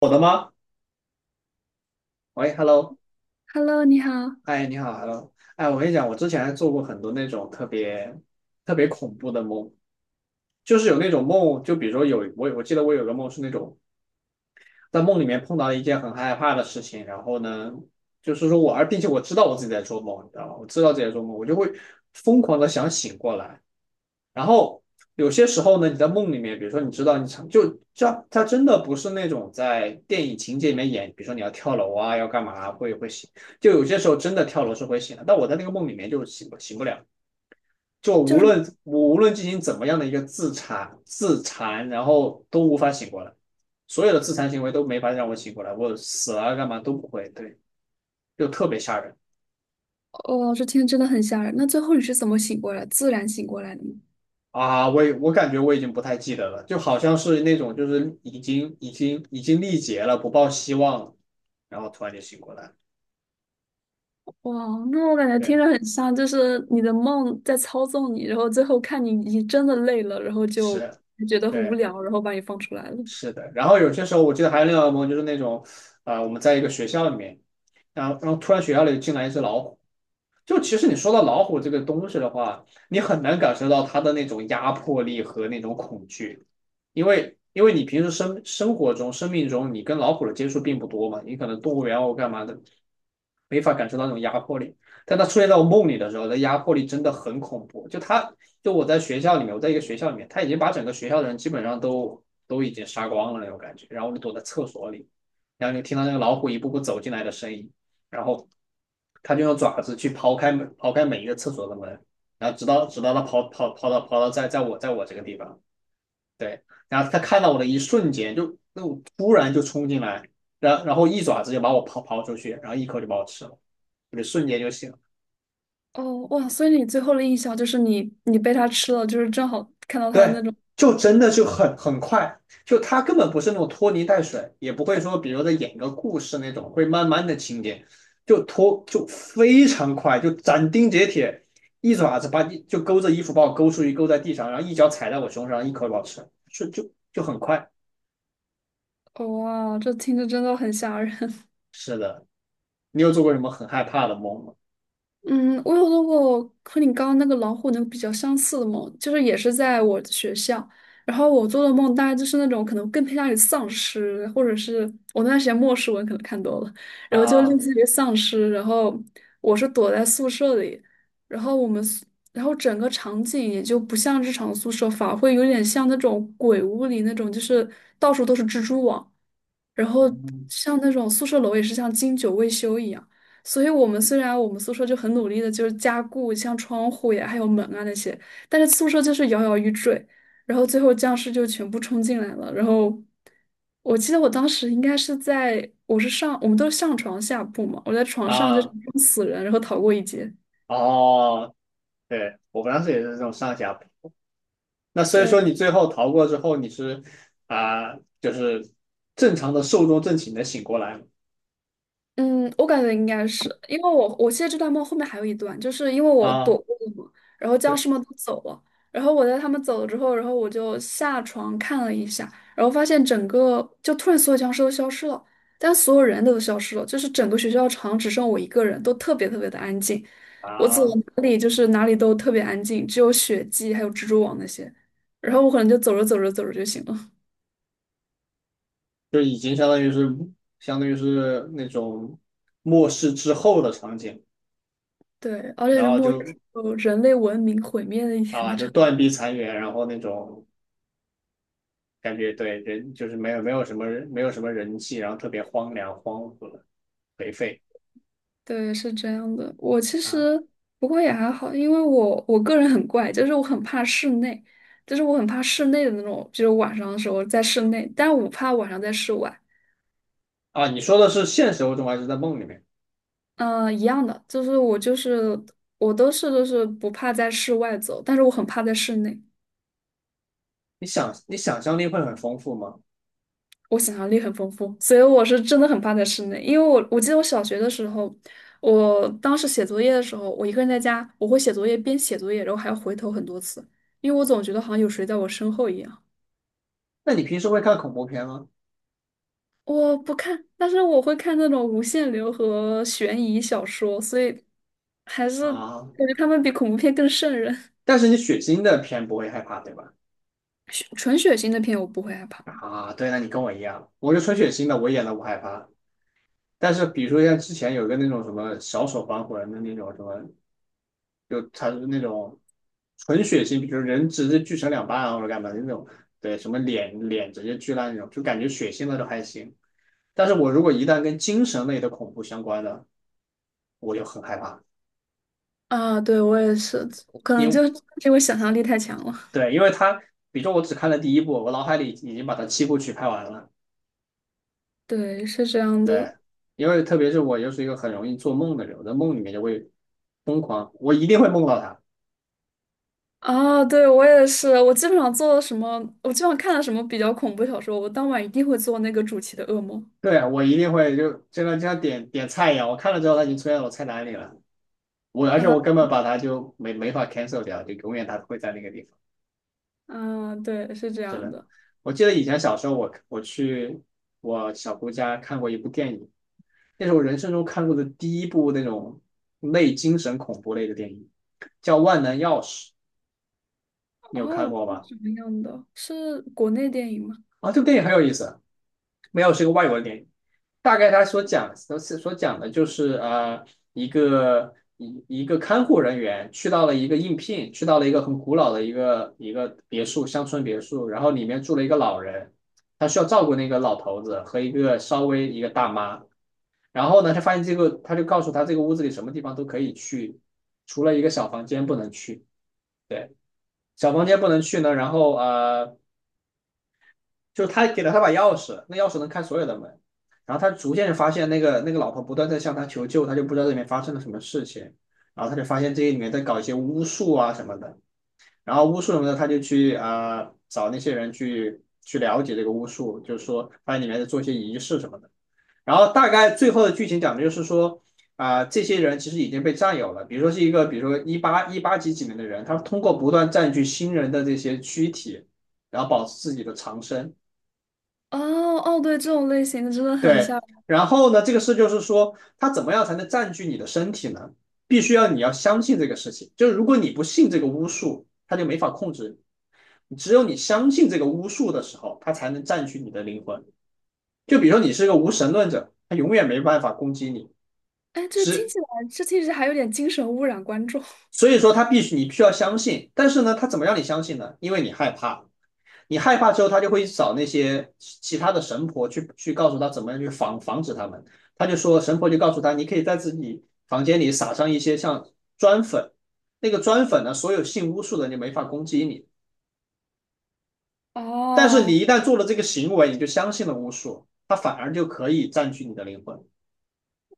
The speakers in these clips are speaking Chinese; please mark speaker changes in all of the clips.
Speaker 1: 我的吗？喂，Hello，
Speaker 2: Hello，你好，
Speaker 1: 哎，你好，Hello，哎，我跟你讲，我之前还做过很多那种特别特别恐怖的梦，就是有那种梦，就比如说有我记得我有个梦是那种在梦里面碰到了一件很害怕的事情，然后呢，就是说我，而并且我知道我自己在做梦，你知道吗？我知道自己在做梦，我就会疯狂的想醒过来。然后有些时候呢，你在梦里面，比如说你知道你想就这，它真的不是那种在电影情节里面演，比如说你要跳楼啊，要干嘛啊会醒，就有些时候真的跳楼是会醒的，但我在那个梦里面就醒不了。就无
Speaker 2: 就是
Speaker 1: 论我无论进行怎么样的一个自残，然后都无法醒过来，所有的自残行为都没法让我醒过来，我死了干嘛都不会，对，就特别吓人
Speaker 2: 哦，这听着真的很吓人。那最后你是怎么醒过来，自然醒过来的吗？
Speaker 1: 啊！我感觉我已经不太记得了，就好像是那种就是已经力竭了，不抱希望了，然后突然就醒过来，
Speaker 2: 哇，那我感觉听
Speaker 1: 对，
Speaker 2: 着很像，就是你的梦在操纵你，然后最后看你已经真的累了，然后就
Speaker 1: 是，
Speaker 2: 觉得很无
Speaker 1: 对，
Speaker 2: 聊，然后把你放出来了。
Speaker 1: 是的。然后有些时候我记得还有另外一个梦，就是那种，我们在一个学校里面，然后突然学校里进来一只老虎。就其实你说到老虎这个东西的话，你很难感受到它的那种压迫力和那种恐惧，因为你平时生活中、生命中，你跟老虎的接触并不多嘛，你可能动物园啊或干嘛的，没法感受到那种压迫力。但它出现在我梦里的时候，那压迫力真的很恐怖。就它，就我在学校里面，我在一个学校里面，它已经把整个学校的人基本上都已经杀光了那种感觉，然后我就躲在厕所里，然后就听到那个老虎一步步走进来的声音。然后他就用爪子去刨开每一个厕所的门，然后直到他刨到我这个地方，对，然后他看到我的一瞬间就那种突然就冲进来，然后一爪子就把我刨出去，然后一口就把我吃了，就瞬间就醒了。
Speaker 2: 哦，哇，所以你最后的印象就是你被它吃了，就是正好看到它的
Speaker 1: 对，
Speaker 2: 那种。
Speaker 1: 就真的就很快，就他根本不是那种拖泥带水，也不会说比如在演个故事那种会慢慢的情节，就拖就非常快，就斩钉截铁，一爪子把你就勾着衣服把我勾出去，勾在地上，然后一脚踩在我胸上，一口咬吃，就很快。
Speaker 2: 哦，哇，这听着真的很吓人。
Speaker 1: 是的，你有做过什么很害怕的梦吗？
Speaker 2: 嗯，我有做过和你刚刚那个老虎那个比较相似的梦，就是也是在我的学校，然后我做的梦大概就是那种可能更偏向于丧尸，或者是我那段时间末世文可能看多了，然后就类
Speaker 1: 啊，
Speaker 2: 似于丧尸，然后我是躲在宿舍里，然后我们宿然后整个场景也就不像日常宿舍，反而会有点像那种鬼屋里那种，就是到处都是蜘蛛网。然后
Speaker 1: 嗯
Speaker 2: 像那种宿舍楼也是像经久未修一样，所以我们虽然我们宿舍就很努力的就是加固，像窗户呀还有门啊那些，但是宿舍就是摇摇欲坠，然后最后僵尸就全部冲进来了。然后我记得我当时应该是在，我们都是上床下铺嘛，我在床上就是
Speaker 1: 啊，
Speaker 2: 装死人，然后逃过一劫。
Speaker 1: 哦，对，我当时也是这种上下那所以
Speaker 2: 对。
Speaker 1: 说你最后逃过之后，你是啊、就是正常的寿终正寝的醒过来了
Speaker 2: 嗯，我感觉应该是，因为我现在这段梦后面还有一段，就是因为我
Speaker 1: 啊，
Speaker 2: 躲过了嘛，然后僵
Speaker 1: 对
Speaker 2: 尸们都走了，然后我在他们走了之后，然后我就下床看了一下，然后发现整个就突然所有僵尸都消失了，但所有人都消失了，就是整个学校场只剩我一个人，都特别特别的安静，我走到
Speaker 1: 啊，
Speaker 2: 哪里就是哪里都特别安静，只有血迹还有蜘蛛网那些，然后我可能就走着走着走着就醒了，
Speaker 1: 就已经相当于是那种末世之后的场景，
Speaker 2: 对，而且
Speaker 1: 然
Speaker 2: 是
Speaker 1: 后
Speaker 2: 末日时
Speaker 1: 就
Speaker 2: 候人类文明毁灭的一天的
Speaker 1: 就
Speaker 2: 场景。
Speaker 1: 断壁残垣，然后那种感觉对人就是没有没有什么人没有什么人气，然后特别荒凉、荒芜、颓废
Speaker 2: 对，是这样的。我其
Speaker 1: 啊
Speaker 2: 实不过也还好，因为我个人很怪，就是我很怕室内，就是我很怕室内的那种，就是晚上的时候在室内，但我不怕晚上在室外。
Speaker 1: 啊！你说的是现实中还是在梦里面？
Speaker 2: 嗯、一样的，就是我都是就是不怕在室外走，但是我很怕在室内。
Speaker 1: 你想象力会很丰富吗？
Speaker 2: 我想象力很丰富，所以我是真的很怕在室内，因为我记得我小学的时候，我当时写作业的时候，我一个人在家，我会写作业边写作业，然后还要回头很多次，因为我总觉得好像有谁在我身后一样。
Speaker 1: 那你平时会看恐怖片吗？
Speaker 2: 我不看，但是我会看那种无限流和悬疑小说，所以还是
Speaker 1: 啊，
Speaker 2: 感觉他们比恐怖片更瘆人。
Speaker 1: 但是你血腥的片不会害怕，对吧？
Speaker 2: 血纯血腥的片我不会害怕
Speaker 1: 啊，对，那你跟我一样，我是纯血腥的，我演的不害怕。但是比如说像之前有个那种什么小丑防魂的那种什么，就他是那种纯血腥，比如人直接锯成两半啊或者干嘛的那种，对，什么脸直接锯烂那种，就感觉血腥的都还行。但是我如果一旦跟精神类的恐怖相关的，我就很害怕，
Speaker 2: 啊，对我也是，可
Speaker 1: 因
Speaker 2: 能就
Speaker 1: 为
Speaker 2: 是因为想象力太强了。
Speaker 1: 对，因为他，比如说我只看了第一部，我脑海里已经把它七部曲拍完了。
Speaker 2: 对，是这样的
Speaker 1: 对，因为特别是我又是一个很容易做梦的人，我在梦里面就会疯狂，我一定会梦到他。
Speaker 2: 啊，对我也是，我基本上做了什么，我基本上看了什么比较恐怖小说，我当晚一定会做那个主题的噩梦。
Speaker 1: 对啊，我一定会像像点菜一样，我看了之后他已经出现在我菜单里了，而且
Speaker 2: 啊
Speaker 1: 我根本把它就没法 cancel 掉，就永远它会在那个地方。
Speaker 2: 啊，对，是这
Speaker 1: 是
Speaker 2: 样
Speaker 1: 的，
Speaker 2: 的。
Speaker 1: 我记得以前小时候我去我小姑家看过一部电影，那是我人生中看过的第一部那种类精神恐怖类的电影，叫《万能钥匙》，你有看
Speaker 2: 哦，
Speaker 1: 过
Speaker 2: 是
Speaker 1: 吗？
Speaker 2: 什么样的？是国内电影吗？
Speaker 1: 啊，这部电影很有意思。没有是一个外国的电影，大概他所讲的就是一个个看护人员去到了一个应聘，去到了一个很古老的一个别墅乡村别墅，然后里面住了一个老人，他需要照顾那个老头子和一个稍微一个大妈，然后呢他发现这个他就告诉他这个屋子里什么地方都可以去，除了一个小房间不能去，小房间不能去呢，然后。就是他给了他把钥匙，那钥匙能开所有的门。然后他逐渐就发现那个老婆不断在向他求救，他就不知道这里面发生了什么事情。然后他就发现这里面在搞一些巫术啊什么的。然后巫术什么的，他就去找那些人去了解这个巫术，就是说发现里面在做一些仪式什么的。然后大概最后的剧情讲的就是说。这些人其实已经被占有了。比如说是一个，比如说一八几几年的人，他通过不断占据新人的这些躯体，然后保持自己的长生。
Speaker 2: 哦哦，对，这种类型的真的很
Speaker 1: 对，
Speaker 2: 像。
Speaker 1: 然后呢，这个事就是说，它怎么样才能占据你的身体呢？必须要你要相信这个事情，就是如果你不信这个巫术，它就没法控制你。只有你相信这个巫术的时候，它才能占据你的灵魂。就比如说你是个无神论者，它永远没办法攻击你。
Speaker 2: 哎，这听
Speaker 1: 只
Speaker 2: 起来，这听起来还有点精神污染观众。
Speaker 1: 所以说，它必须你必须要相信，但是呢，它怎么让你相信呢？因为你害怕，你害怕之后，他就会找那些其他的神婆去告诉他怎么样去防止他们。他就说，神婆就告诉他，你可以在自己房间里撒上一些像砖粉，那个砖粉呢，所有信巫术的就没法攻击你。但是
Speaker 2: 哦，
Speaker 1: 你一旦做了这个行为，你就相信了巫术，它反而就可以占据你的灵魂。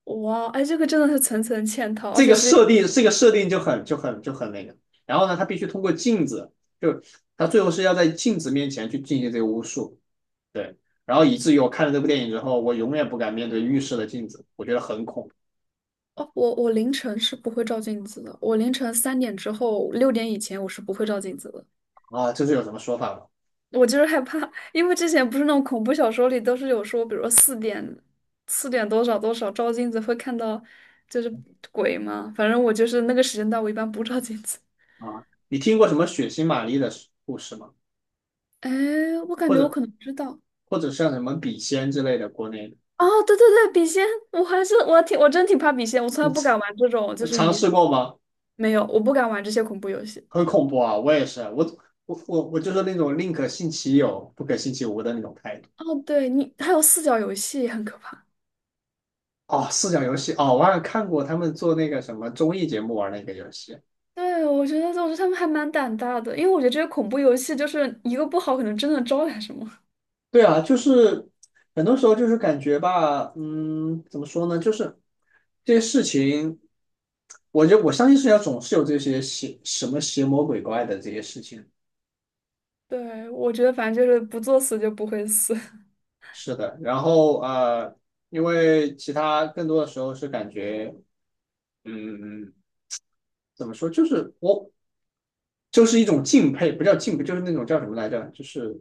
Speaker 2: 哇，哎，这个真的是层层嵌套，而且是
Speaker 1: 这个设定就很那个。然后呢，他必须通过镜子，就他最后是要在镜子面前去进行这个巫术。对，然后以至于我看了这部电影之后，我永远不敢面对浴室的镜子，我觉得很恐
Speaker 2: 哦，我凌晨是不会照镜子的，我凌晨3点之后、6点以前我是不会照镜子的。
Speaker 1: 怖啊！这是有什么说法吗？
Speaker 2: 我就是害怕，因为之前不是那种恐怖小说里都是有说，比如说四点、四点多少多少照镜子会看到就是鬼嘛。反正我就是那个时间段，我一般不照镜子。
Speaker 1: 啊，你听过什么血腥玛丽的故事吗？
Speaker 2: 哎，我感
Speaker 1: 或
Speaker 2: 觉我
Speaker 1: 者
Speaker 2: 可能知道，
Speaker 1: 像什么笔仙之类的国内
Speaker 2: 哦，对对对，笔仙，我还是我真挺怕笔仙，我从来不敢玩这种，就
Speaker 1: 的
Speaker 2: 是
Speaker 1: 尝
Speaker 2: 一
Speaker 1: 试过吗？
Speaker 2: 没有，我不敢玩这些恐怖游戏。
Speaker 1: 很恐怖啊！我也是，我就是那种宁可信其有，不可信其无的那种态度。
Speaker 2: 哦，对你还有四角游戏也很可怕。
Speaker 1: 哦，四角游戏哦，我好像看过他们做那个什么综艺节目玩那个游戏，
Speaker 2: 对，我觉得他们还蛮胆大的，因为我觉得这些恐怖游戏就是一个不好，可能真的招来什么。
Speaker 1: 对啊，就是很多时候就是感觉吧，嗯，怎么说呢？就是这些事情，我觉得我相信世界上总是有这些邪什么邪魔鬼怪的这些事情。
Speaker 2: 对，我觉得反正就是不作死就不会死。
Speaker 1: 是的，然后，因为其他更多的时候是感觉，嗯，怎么说？就是我就是一种敬佩，不叫敬佩，就是那种叫什么来着？就是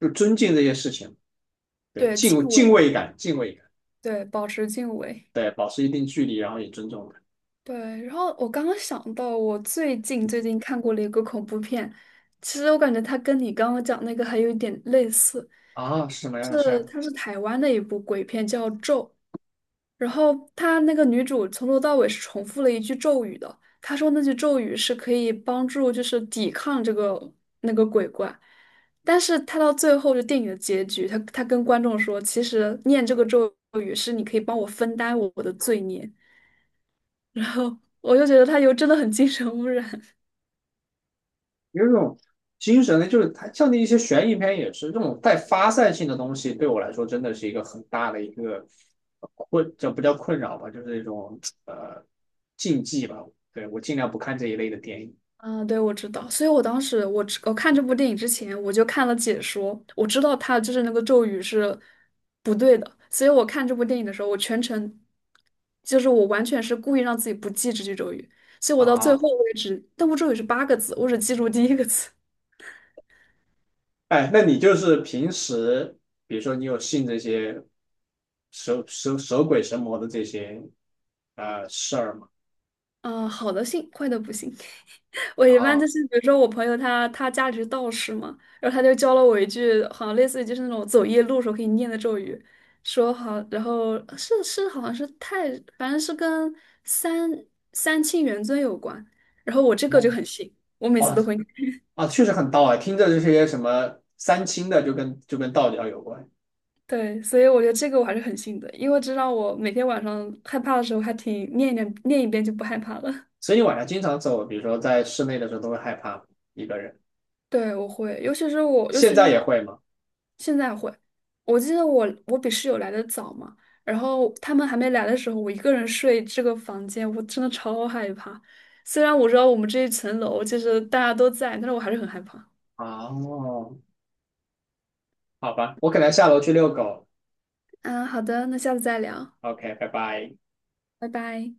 Speaker 1: 就尊敬这些事情，对，
Speaker 2: 对，
Speaker 1: 敬
Speaker 2: 敬
Speaker 1: 敬
Speaker 2: 畏，
Speaker 1: 畏感，敬畏感，
Speaker 2: 对，保持敬畏。
Speaker 1: 对，保持一定距离，然后也尊重它。
Speaker 2: 对，然后我刚刚想到，我最近看过了一个恐怖片，其实我感觉它跟你刚刚讲那个还有一点类似，
Speaker 1: 啊，是什么样的事
Speaker 2: 是
Speaker 1: 儿？
Speaker 2: 它是台湾的一部鬼片叫《咒》，然后它那个女主从头到尾是重复了一句咒语的，她说那句咒语是可以帮助就是抵抗这个那个鬼怪，但是她到最后就电影的结局，她跟观众说，其实念这个咒语是你可以帮我分担我的罪孽。然后我就觉得他有真的很精神污染。
Speaker 1: 有一种精神呢，就是它像那一些悬疑片也是这种带发散性的东西，对我来说真的是一个很大的一个困，这不叫困扰吧，就是一种呃禁忌吧。对，我尽量不看这一类的电影
Speaker 2: 啊，对，我知道，所以我当时我看这部电影之前，我就看了解说，我知道他就是那个咒语是不对的，所以我看这部电影的时候，我全程就是我完全是故意让自己不记这句咒语，所以我到最
Speaker 1: 啊。
Speaker 2: 后为止，那部咒语是八个字，我只记住第一个字，
Speaker 1: 哎，那你就是平时，比如说你有信这些蛇蛇蛇鬼神魔的这些事儿吗？
Speaker 2: 啊，好的信，坏的不信。我一
Speaker 1: 啊，
Speaker 2: 般就
Speaker 1: 哦
Speaker 2: 是，比如说我朋友他家里是道士嘛，然后他就教了我一句，好像类似于就是那种走夜路时候可以念的咒语，说好，然后是是好像是太，反正是跟三三清元尊有关，然后我这个就很信，我每次
Speaker 1: 哦
Speaker 2: 都会念
Speaker 1: 啊，确实很道啊，听着这些什么三清的就跟道教有关。
Speaker 2: 对，所以我觉得这个我还是很信的，因为知道我每天晚上害怕的时候还挺念一念念一遍就不害怕了。
Speaker 1: 所以你晚上经常走，比如说在室内的时候都会害怕一个人，
Speaker 2: 对，我会，尤其是我，尤
Speaker 1: 现
Speaker 2: 其
Speaker 1: 在
Speaker 2: 是
Speaker 1: 也会吗？
Speaker 2: 现在会，我记得我比室友来的早嘛，然后他们还没来的时候，我一个人睡这个房间，我真的超害怕。虽然我知道我们这一层楼就是大家都在，但是我还是很害怕。
Speaker 1: 哦，好吧，我可能下楼去遛狗。
Speaker 2: 嗯，好的，那下次再聊，
Speaker 1: OK,拜拜。
Speaker 2: 拜拜。